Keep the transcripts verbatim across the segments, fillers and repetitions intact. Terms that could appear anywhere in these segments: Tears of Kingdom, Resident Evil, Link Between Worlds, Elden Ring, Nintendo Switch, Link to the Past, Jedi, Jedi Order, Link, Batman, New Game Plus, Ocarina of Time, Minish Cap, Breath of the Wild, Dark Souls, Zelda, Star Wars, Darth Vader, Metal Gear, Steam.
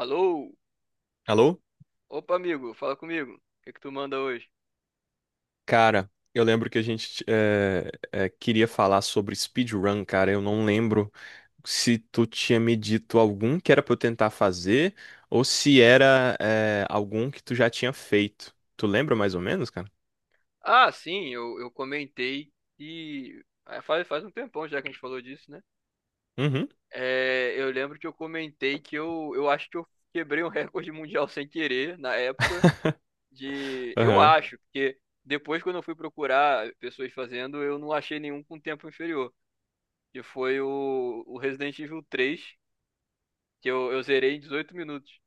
Alô? Alô? Opa, amigo, fala comigo. O que que tu manda hoje? Cara, eu lembro que a gente eh, eh, queria falar sobre speedrun, cara. Eu não lembro se tu tinha me dito algum que era pra eu tentar fazer ou se era eh, algum que tu já tinha feito. Tu lembra mais ou menos, cara? Ah, sim, eu, eu comentei que, ah, Faz, faz um tempão já que a gente falou disso, né? Uhum. É, eu lembro que eu comentei que eu, eu acho que eu quebrei um recorde mundial sem querer na época de. Eu Aham. acho, porque depois quando eu fui procurar pessoas fazendo, eu não achei nenhum com tempo inferior. Que foi o, o Resident Evil três que eu, eu zerei em dezoito minutos.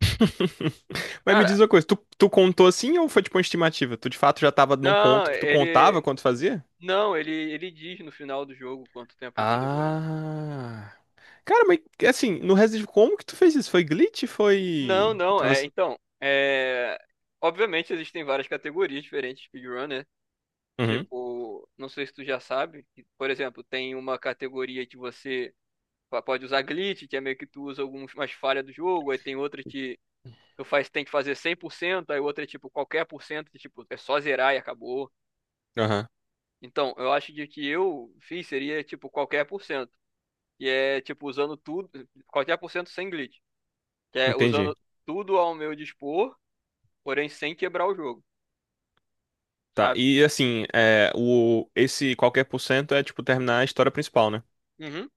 Mas me Cara, diz uma coisa, tu, tu contou assim ou foi tipo uma estimativa? Tu de fato já tava num não, ponto que tu contava ele. quando fazia? Não, ele, ele diz no final do jogo quanto tempo isso demorou. Ah. Cara, mas assim, no Resident Evil, como que tu fez isso? Foi glitch? Não, Foi. não, é, Atravessa... então, é, obviamente existem várias categorias diferentes de speedrunner, tipo, não sei se tu já sabe, que, por exemplo, tem uma categoria que você pa- pode usar glitch, que é meio que tu usa algumas falhas do jogo, aí tem outra que tu faz, tem que fazer cem por cento. Aí outra é tipo qualquer por cento, que tipo, é só zerar e acabou. Aham, Então, eu acho que o que eu fiz seria tipo qualquer por cento, que é tipo usando tudo, qualquer por cento sem glitch. Que é entendi. usando tudo ao meu dispor, porém sem quebrar o jogo, Tá, sabe? e assim, é, o, esse qualquer por cento é tipo terminar a história principal, né? Uhum.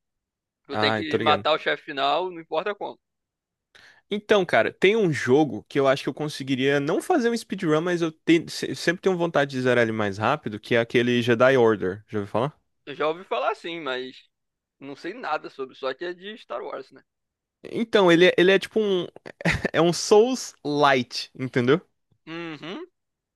Tu tem Ah, que tô ligado. matar o chefe final, não importa como. Então, cara, tem um jogo que eu acho que eu conseguiria não fazer um speedrun, mas eu te- se- sempre tenho vontade de zerar ele mais rápido, que é aquele Jedi Order. Já ouviu falar? Eu já ouvi falar assim, mas não sei nada sobre, só que é de Star Wars, né? Então, ele, é- ele é tipo um. É um Souls Lite, entendeu? Uhum.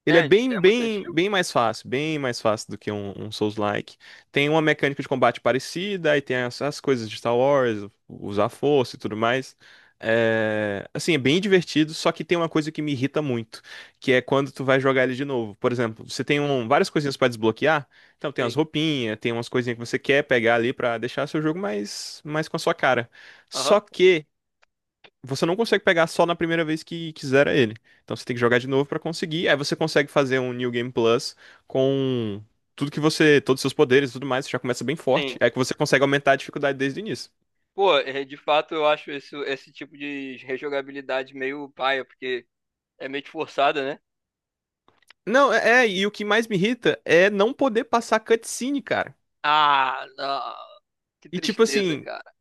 Ele É, é anti- bem, é muito bem, antigo? bem mais fácil, bem mais fácil do que um, um Souls-like. Tem uma mecânica de combate parecida, aí tem as, as coisas de Star Wars, usar força e tudo mais. É, assim, é bem divertido, só que tem uma coisa que me irrita muito, que é quando tu vai jogar ele de novo. Por exemplo, você tem Hum, um- várias coisinhas pra desbloquear, então tem as Sim. roupinhas, tem umas coisinhas que você quer pegar ali pra deixar seu jogo mais, mais com a sua cara. Aham. Só que você não consegue pegar só na primeira vez que quiser ele. Então você tem que jogar de novo pra conseguir. Aí você consegue fazer um New Game Plus com tudo que você, todos os seus poderes e tudo mais, você já começa bem forte. Sim. É que você consegue aumentar a dificuldade desde o início. Pô, é, de fato eu acho isso, esse tipo de rejogabilidade meio paia, porque é meio que forçada, né? Não, é, é, e o que mais me irrita é não poder passar cutscene, cara. Ah, não. Que E tipo tristeza, assim, cara.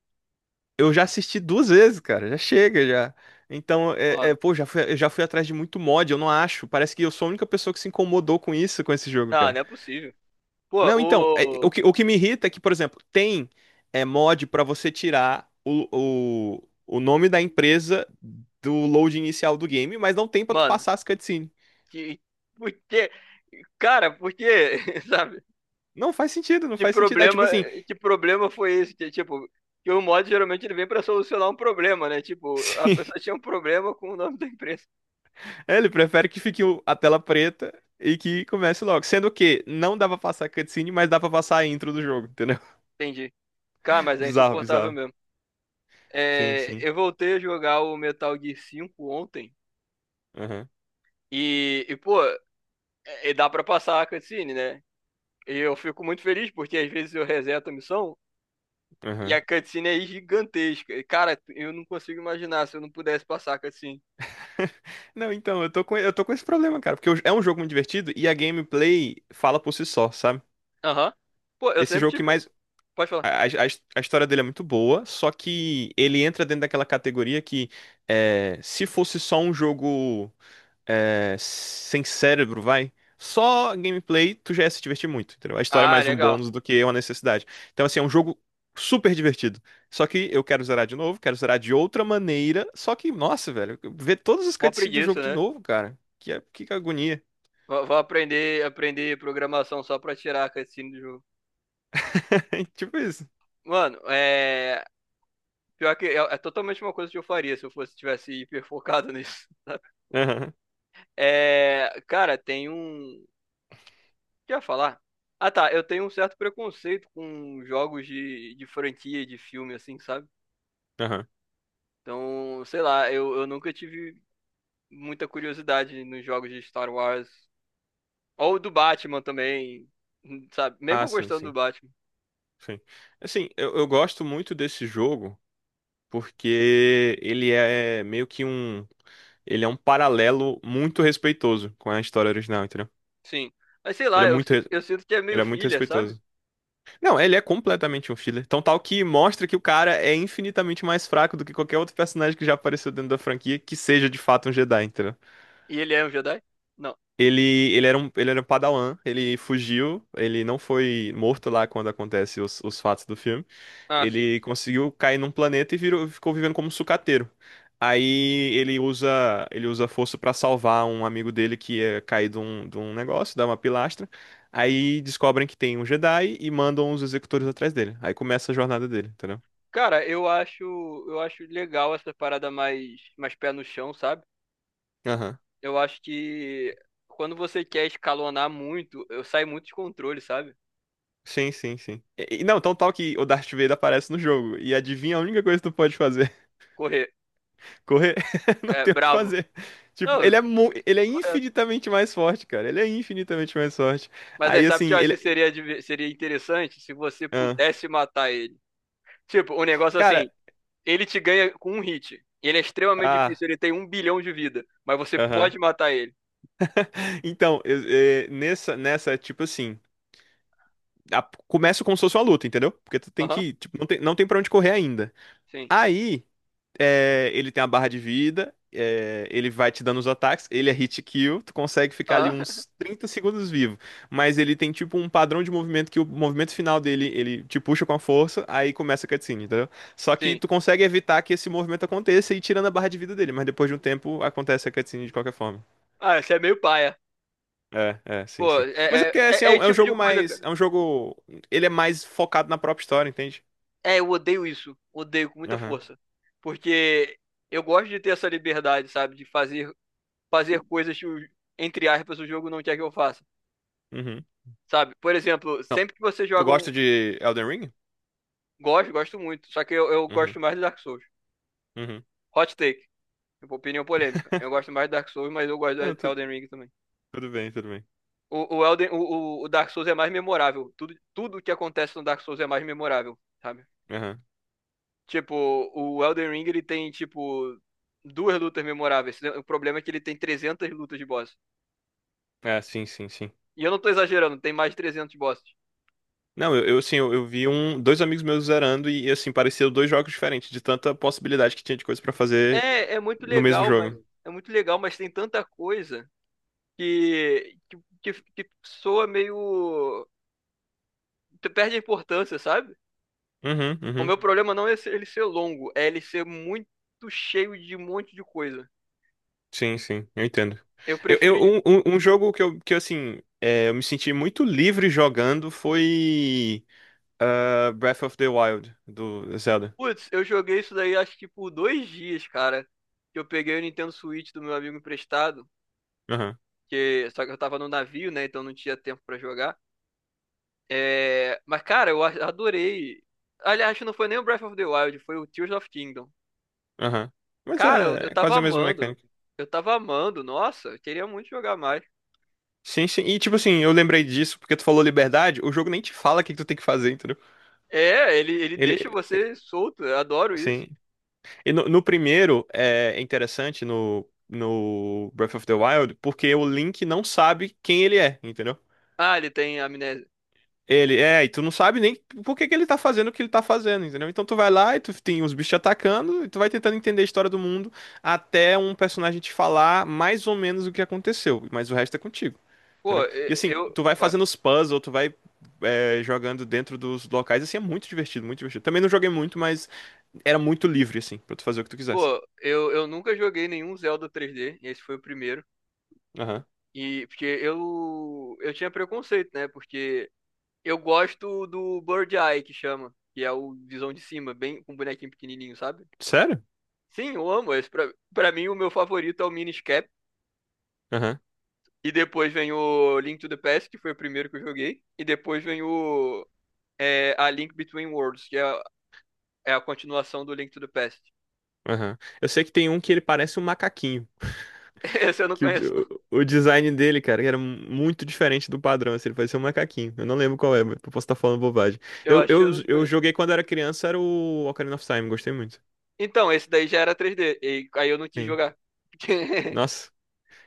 eu já assisti duas vezes, cara, já chega já. Então, é, Mano. é, pô, já fui, eu já fui atrás de muito mod, eu não acho. Parece que eu sou a única pessoa que se incomodou com isso, com esse jogo, Não, cara. não é possível. Pô, Não, então, é, o. o que, o que me irrita é que, por exemplo, tem é, mod pra você tirar o, o, o nome da empresa do load inicial do game, mas não tem pra tu Mano, passar as cutscenes. que, porque, cara, porque, sabe? Não faz sentido, não Que faz sentido. É problema, tipo assim, que problema foi esse? Que, tipo, que o mod geralmente ele vem pra solucionar um problema, né? Tipo, a sim, pessoa tinha um problema com o nome da empresa. ele prefere que fique o- a tela preta e que comece logo. Sendo que não dá pra passar cutscene, mas dá pra passar a intro do jogo, entendeu? Entendi. Cara, mas é Bizarro, insuportável bizarro. mesmo. Sim, É, sim. eu voltei a jogar o Metal Gear cinco ontem Aham, e, e pô, e dá pra passar a cutscene, né? E eu fico muito feliz porque às vezes eu reseto a missão e a aham. cutscene é gigantesca. E, cara, eu não consigo imaginar se eu não pudesse passar a cutscene. Não, então, eu tô com, eu tô com esse problema, cara, porque o- é um jogo muito divertido e a gameplay fala por si só, sabe? Aham. Pô, eu Esse sempre jogo que tive. mais. Pode falar. A, a, a história dele é muito boa, só que ele entra dentro daquela categoria que é, se fosse só um jogo é, sem cérebro, vai. Só gameplay, tu já ia se divertir muito, entendeu? A história é Ah, mais um legal. bônus do que uma necessidade. Então, assim, é um jogo super divertido. Só que eu quero zerar de novo, quero zerar de outra maneira. Só que, nossa, velho, ver todos os Mó cutscenes do preguiça, jogo de né? novo, cara. Que, que agonia. Vou vou aprender, aprender programação só pra tirar a cutscene do jogo. Tipo isso. Mano, é. Pior que é, é totalmente uma coisa que eu faria se eu fosse tivesse hiper focado nisso. Aham, É. Cara, tem um. O que eu ia falar? Ah, tá. Eu tenho um certo preconceito com jogos de, de franquia, de filme, assim, sabe? aham. Então, sei lá, eu, eu nunca tive muita curiosidade nos jogos de Star Wars. Ou o do Batman também, sabe? Mesmo Ah, eu sim, gostando do sim. Batman, Sim. Assim, eu, eu gosto muito desse jogo porque ele é meio que um. Ele é um paralelo muito respeitoso com a história original, entendeu? sim. Mas sei Ele lá, é eu, muito, si- re- eu sinto que é meio ele é muito filha, sabe? respeitoso. Não, ele é completamente um filler. Tão tal que mostra que o cara é infinitamente mais fraco do que qualquer outro personagem que já apareceu dentro da franquia, que seja de fato um Jedi, entendeu? E ele é um Jedi? Não. Ele, ele era um, ele era um Padawan, ele fugiu, ele não foi morto lá quando acontece os, os fatos do filme. Ah, sim. Ele conseguiu cair num planeta e virou- ficou vivendo como um sucateiro. Aí ele usa, ele usa a força pra salvar um amigo dele que ia cair de um, de um negócio, dá uma pilastra. Aí descobrem que tem um Jedi e mandam os executores atrás dele. Aí começa a jornada dele, entendeu? Cara, eu acho, eu acho legal essa parada mais, mais pé no chão, sabe? Aham. Eu acho que quando você quer escalonar muito, eu saio muito de controle, sabe? Sim, sim, sim. E, e não, tão tal que o Darth Vader aparece no jogo. E adivinha a única coisa que tu pode fazer? Correr, Correr? Não é tem o que brabo. fazer. Tipo, Não, ele eu- é, mu- ele eu- é correto. infinitamente mais forte, cara. Ele é infinitamente mais forte. Mas aí, Aí, sabe o que eu assim, acho que ele. seria, diver- seria interessante se você Ah. pudesse matar ele? Tipo, um negócio Cara, assim, ele te ganha com um hit. Ele é extremamente ah, difícil, ele tem um bilhão de vida. Mas você aham. pode matar ele. Então, eh, eh, nessa, nessa, tipo assim, a- começa como se fosse uma luta, entendeu? Porque tu tem Aham, que, tipo, não tem, não tem pra onde correr ainda. sim. Aí, eh, ele tem a barra de vida, eh, ele vai te dando os ataques, ele é hit kill, tu consegue ficar ali Aham, uns trinta segundos vivo. Mas ele tem, tipo, um padrão de movimento que o movimento final dele, ele te puxa com a força, aí começa a cutscene, entendeu? Só que sim. tu consegue evitar que esse movimento aconteça e ir tirando a barra de vida dele, mas depois de um tempo acontece a cutscene de qualquer forma. Ah, você é meio paia. É, é, sim, Pô, sim. é, Mas é é, porque, assim, é, é é um, esse é um tipo de jogo coisa, cara. mais. É um jogo. Ele é mais focado na própria história, entende? É, eu odeio isso. Odeio com muita Aham. força. Porque eu gosto de ter essa liberdade, sabe? De fazer, fazer coisas que, o- entre aspas, o jogo não quer que eu faça. Uhum. Sabe? Por exemplo, Não. sempre que você Tu joga um. gosta de Elden Ring? Gosto, gosto muito. Só que eu, eu Uhum. gosto mais de Dark Souls. Uhum. Hot take. Opinião polêmica. Eu gosto mais de Dark Souls, mas eu gosto Não, de tu- Elden Ring também. tudo bem, tudo bem. O, o, Elden, o, o Dark Souls é mais memorável. Tudo, tudo que acontece no Dark Souls é mais memorável, sabe? Aham. Tipo, o Elden Ring, ele tem, tipo, duas lutas memoráveis. O problema é que ele tem trezentas lutas de boss. É, sim, sim, sim. E eu não tô exagerando, tem mais de trezentos bosses. Não, eu, eu, assim, eu, eu vi um, dois amigos meus zerando e, assim, pareciam dois jogos diferentes, de tanta possibilidade que tinha de coisa pra fazer É, é muito no mesmo legal, mas jogo. é muito legal, mas tem tanta coisa que que, que, que soa meio que perde a importância, sabe? Uhum, O uhum. meu problema não é ele ser longo, é ele ser muito cheio de um monte de coisa. Sim, sim, eu entendo. Eu Eu, eu, prefiro. um, um um jogo que eu, que, eu, assim, é, eu me senti muito livre jogando foi. Ah, Breath of the Wild, do Zelda. Putz, eu joguei isso daí acho que por dois dias, cara. Que eu peguei o Nintendo Switch do meu amigo emprestado. Aham, Que, só que eu tava no navio, né? Então não tinha tempo pra jogar. É, mas, cara, eu a- adorei. Aliás, não foi nem o Breath of the Wild, foi o Tears of Kingdom. aham. Mas Cara, eu, eu é, é tava quase a mesma amando. mecânica. Eu tava amando. Nossa, eu queria muito jogar mais. Sim, sim. E tipo assim, eu lembrei disso porque tu falou liberdade, o jogo nem te fala o que que tu tem que fazer, entendeu? É, ele, ele Ele, deixa você solto. Eu adoro isso. sim. E no, no primeiro, é interessante no, no Breath of the Wild, porque o Link não sabe quem ele é, entendeu? Ah, ele tem amnésia. Ele, é, e tu não sabe nem por que que ele tá fazendo o que ele tá fazendo, entendeu? Então tu vai lá e tu tem os bichos te atacando e tu vai tentando entender a história do mundo até um personagem te falar mais ou menos o que aconteceu, mas o resto é contigo, Pô, entendeu? E e- assim, eu. tu vai fazendo os puzzles, tu vai é, jogando dentro dos locais, assim, é muito divertido, muito divertido. Também não joguei muito, mas era muito livre, assim, pra tu fazer o que tu quisesse. Pô, eu, eu nunca joguei nenhum Zelda três D. Esse foi o primeiro. Aham. E porque eu eu tinha preconceito, né? Porque eu gosto do Bird Eye que chama, que é o visão de cima, bem com bonequinho pequenininho, sabe? Sério? Sim, eu amo esse. Pra, pra mim o meu favorito é o Minish Cap Aham, e depois vem o Link to the Past, que foi o primeiro que eu joguei, e depois vem o é, a Link Between Worlds, que é, a- é a continuação do Link to the Past. aham. Eu sei que tem um que ele parece um macaquinho. Esse eu não Que o, de- conheço, não. o- o design dele, cara, era muito diferente do padrão, assim, ele parecia um macaquinho. Eu não lembro qual é, mas eu posso estar falando bobagem. Eu Eu, acho que eu eu, não eu conheço. joguei quando era criança, era o Ocarina of Time, gostei muito. Então, esse daí já era três D, e aí eu não quis Sim. jogar. Porque- Nossa.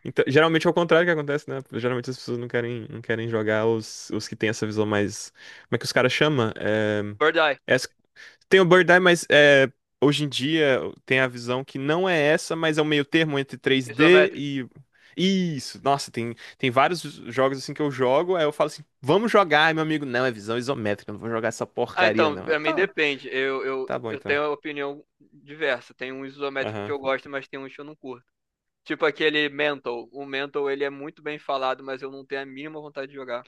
Então, geralmente é o contrário que acontece, né? Geralmente as pessoas não querem, não querem jogar os, os que têm essa visão mais. Como é que os caras chamam? É... Bird Eye, Tem o Bird Eye, mas é, hoje em dia tem a visão que não é essa, mas é um meio termo entre três D isométrico. e. Isso, nossa, tem, tem vários jogos assim que eu jogo, aí eu falo assim, vamos jogar, aí meu amigo, não, é visão isométrica, não vou jogar essa Ah, porcaria, então, não. Eu, pra mim tá, depende. Eu, eu, tá bom eu então. tenho opinião diversa. Tem um isométrico que Aham. eu gosto, mas tem uns que eu não curto. Tipo aquele Mental. O Mental, ele é muito bem falado, mas eu não tenho a mínima vontade de jogar.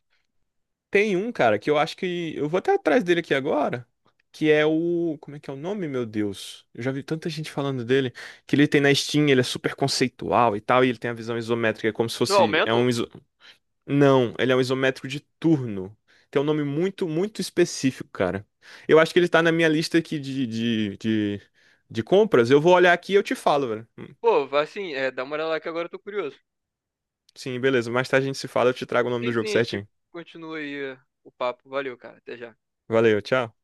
Tem um, cara, que eu acho que. Eu vou até atrás dele aqui agora. Que é o. Como é que é o nome, meu Deus? Eu já vi tanta gente falando dele. Que ele tem na Steam, ele é super conceitual e tal. E ele tem a visão isométrica, é como se Não, é o fosse. É Mental? um, não, ele é um isométrico de turno. Tem um nome muito, muito específico, cara. Eu acho que ele tá na minha lista aqui de, de, de, de compras. Eu vou olhar aqui e eu te falo, velho. Hum, Pô, vai sim, é, dá uma olhada lá que agora eu tô curioso. Sim, beleza. Mais tarde a gente se fala, eu te trago o nome do Sim, jogo sim, a gente certinho. continua aí eh, o papo. Valeu, cara. Até já. Valeu, tchau.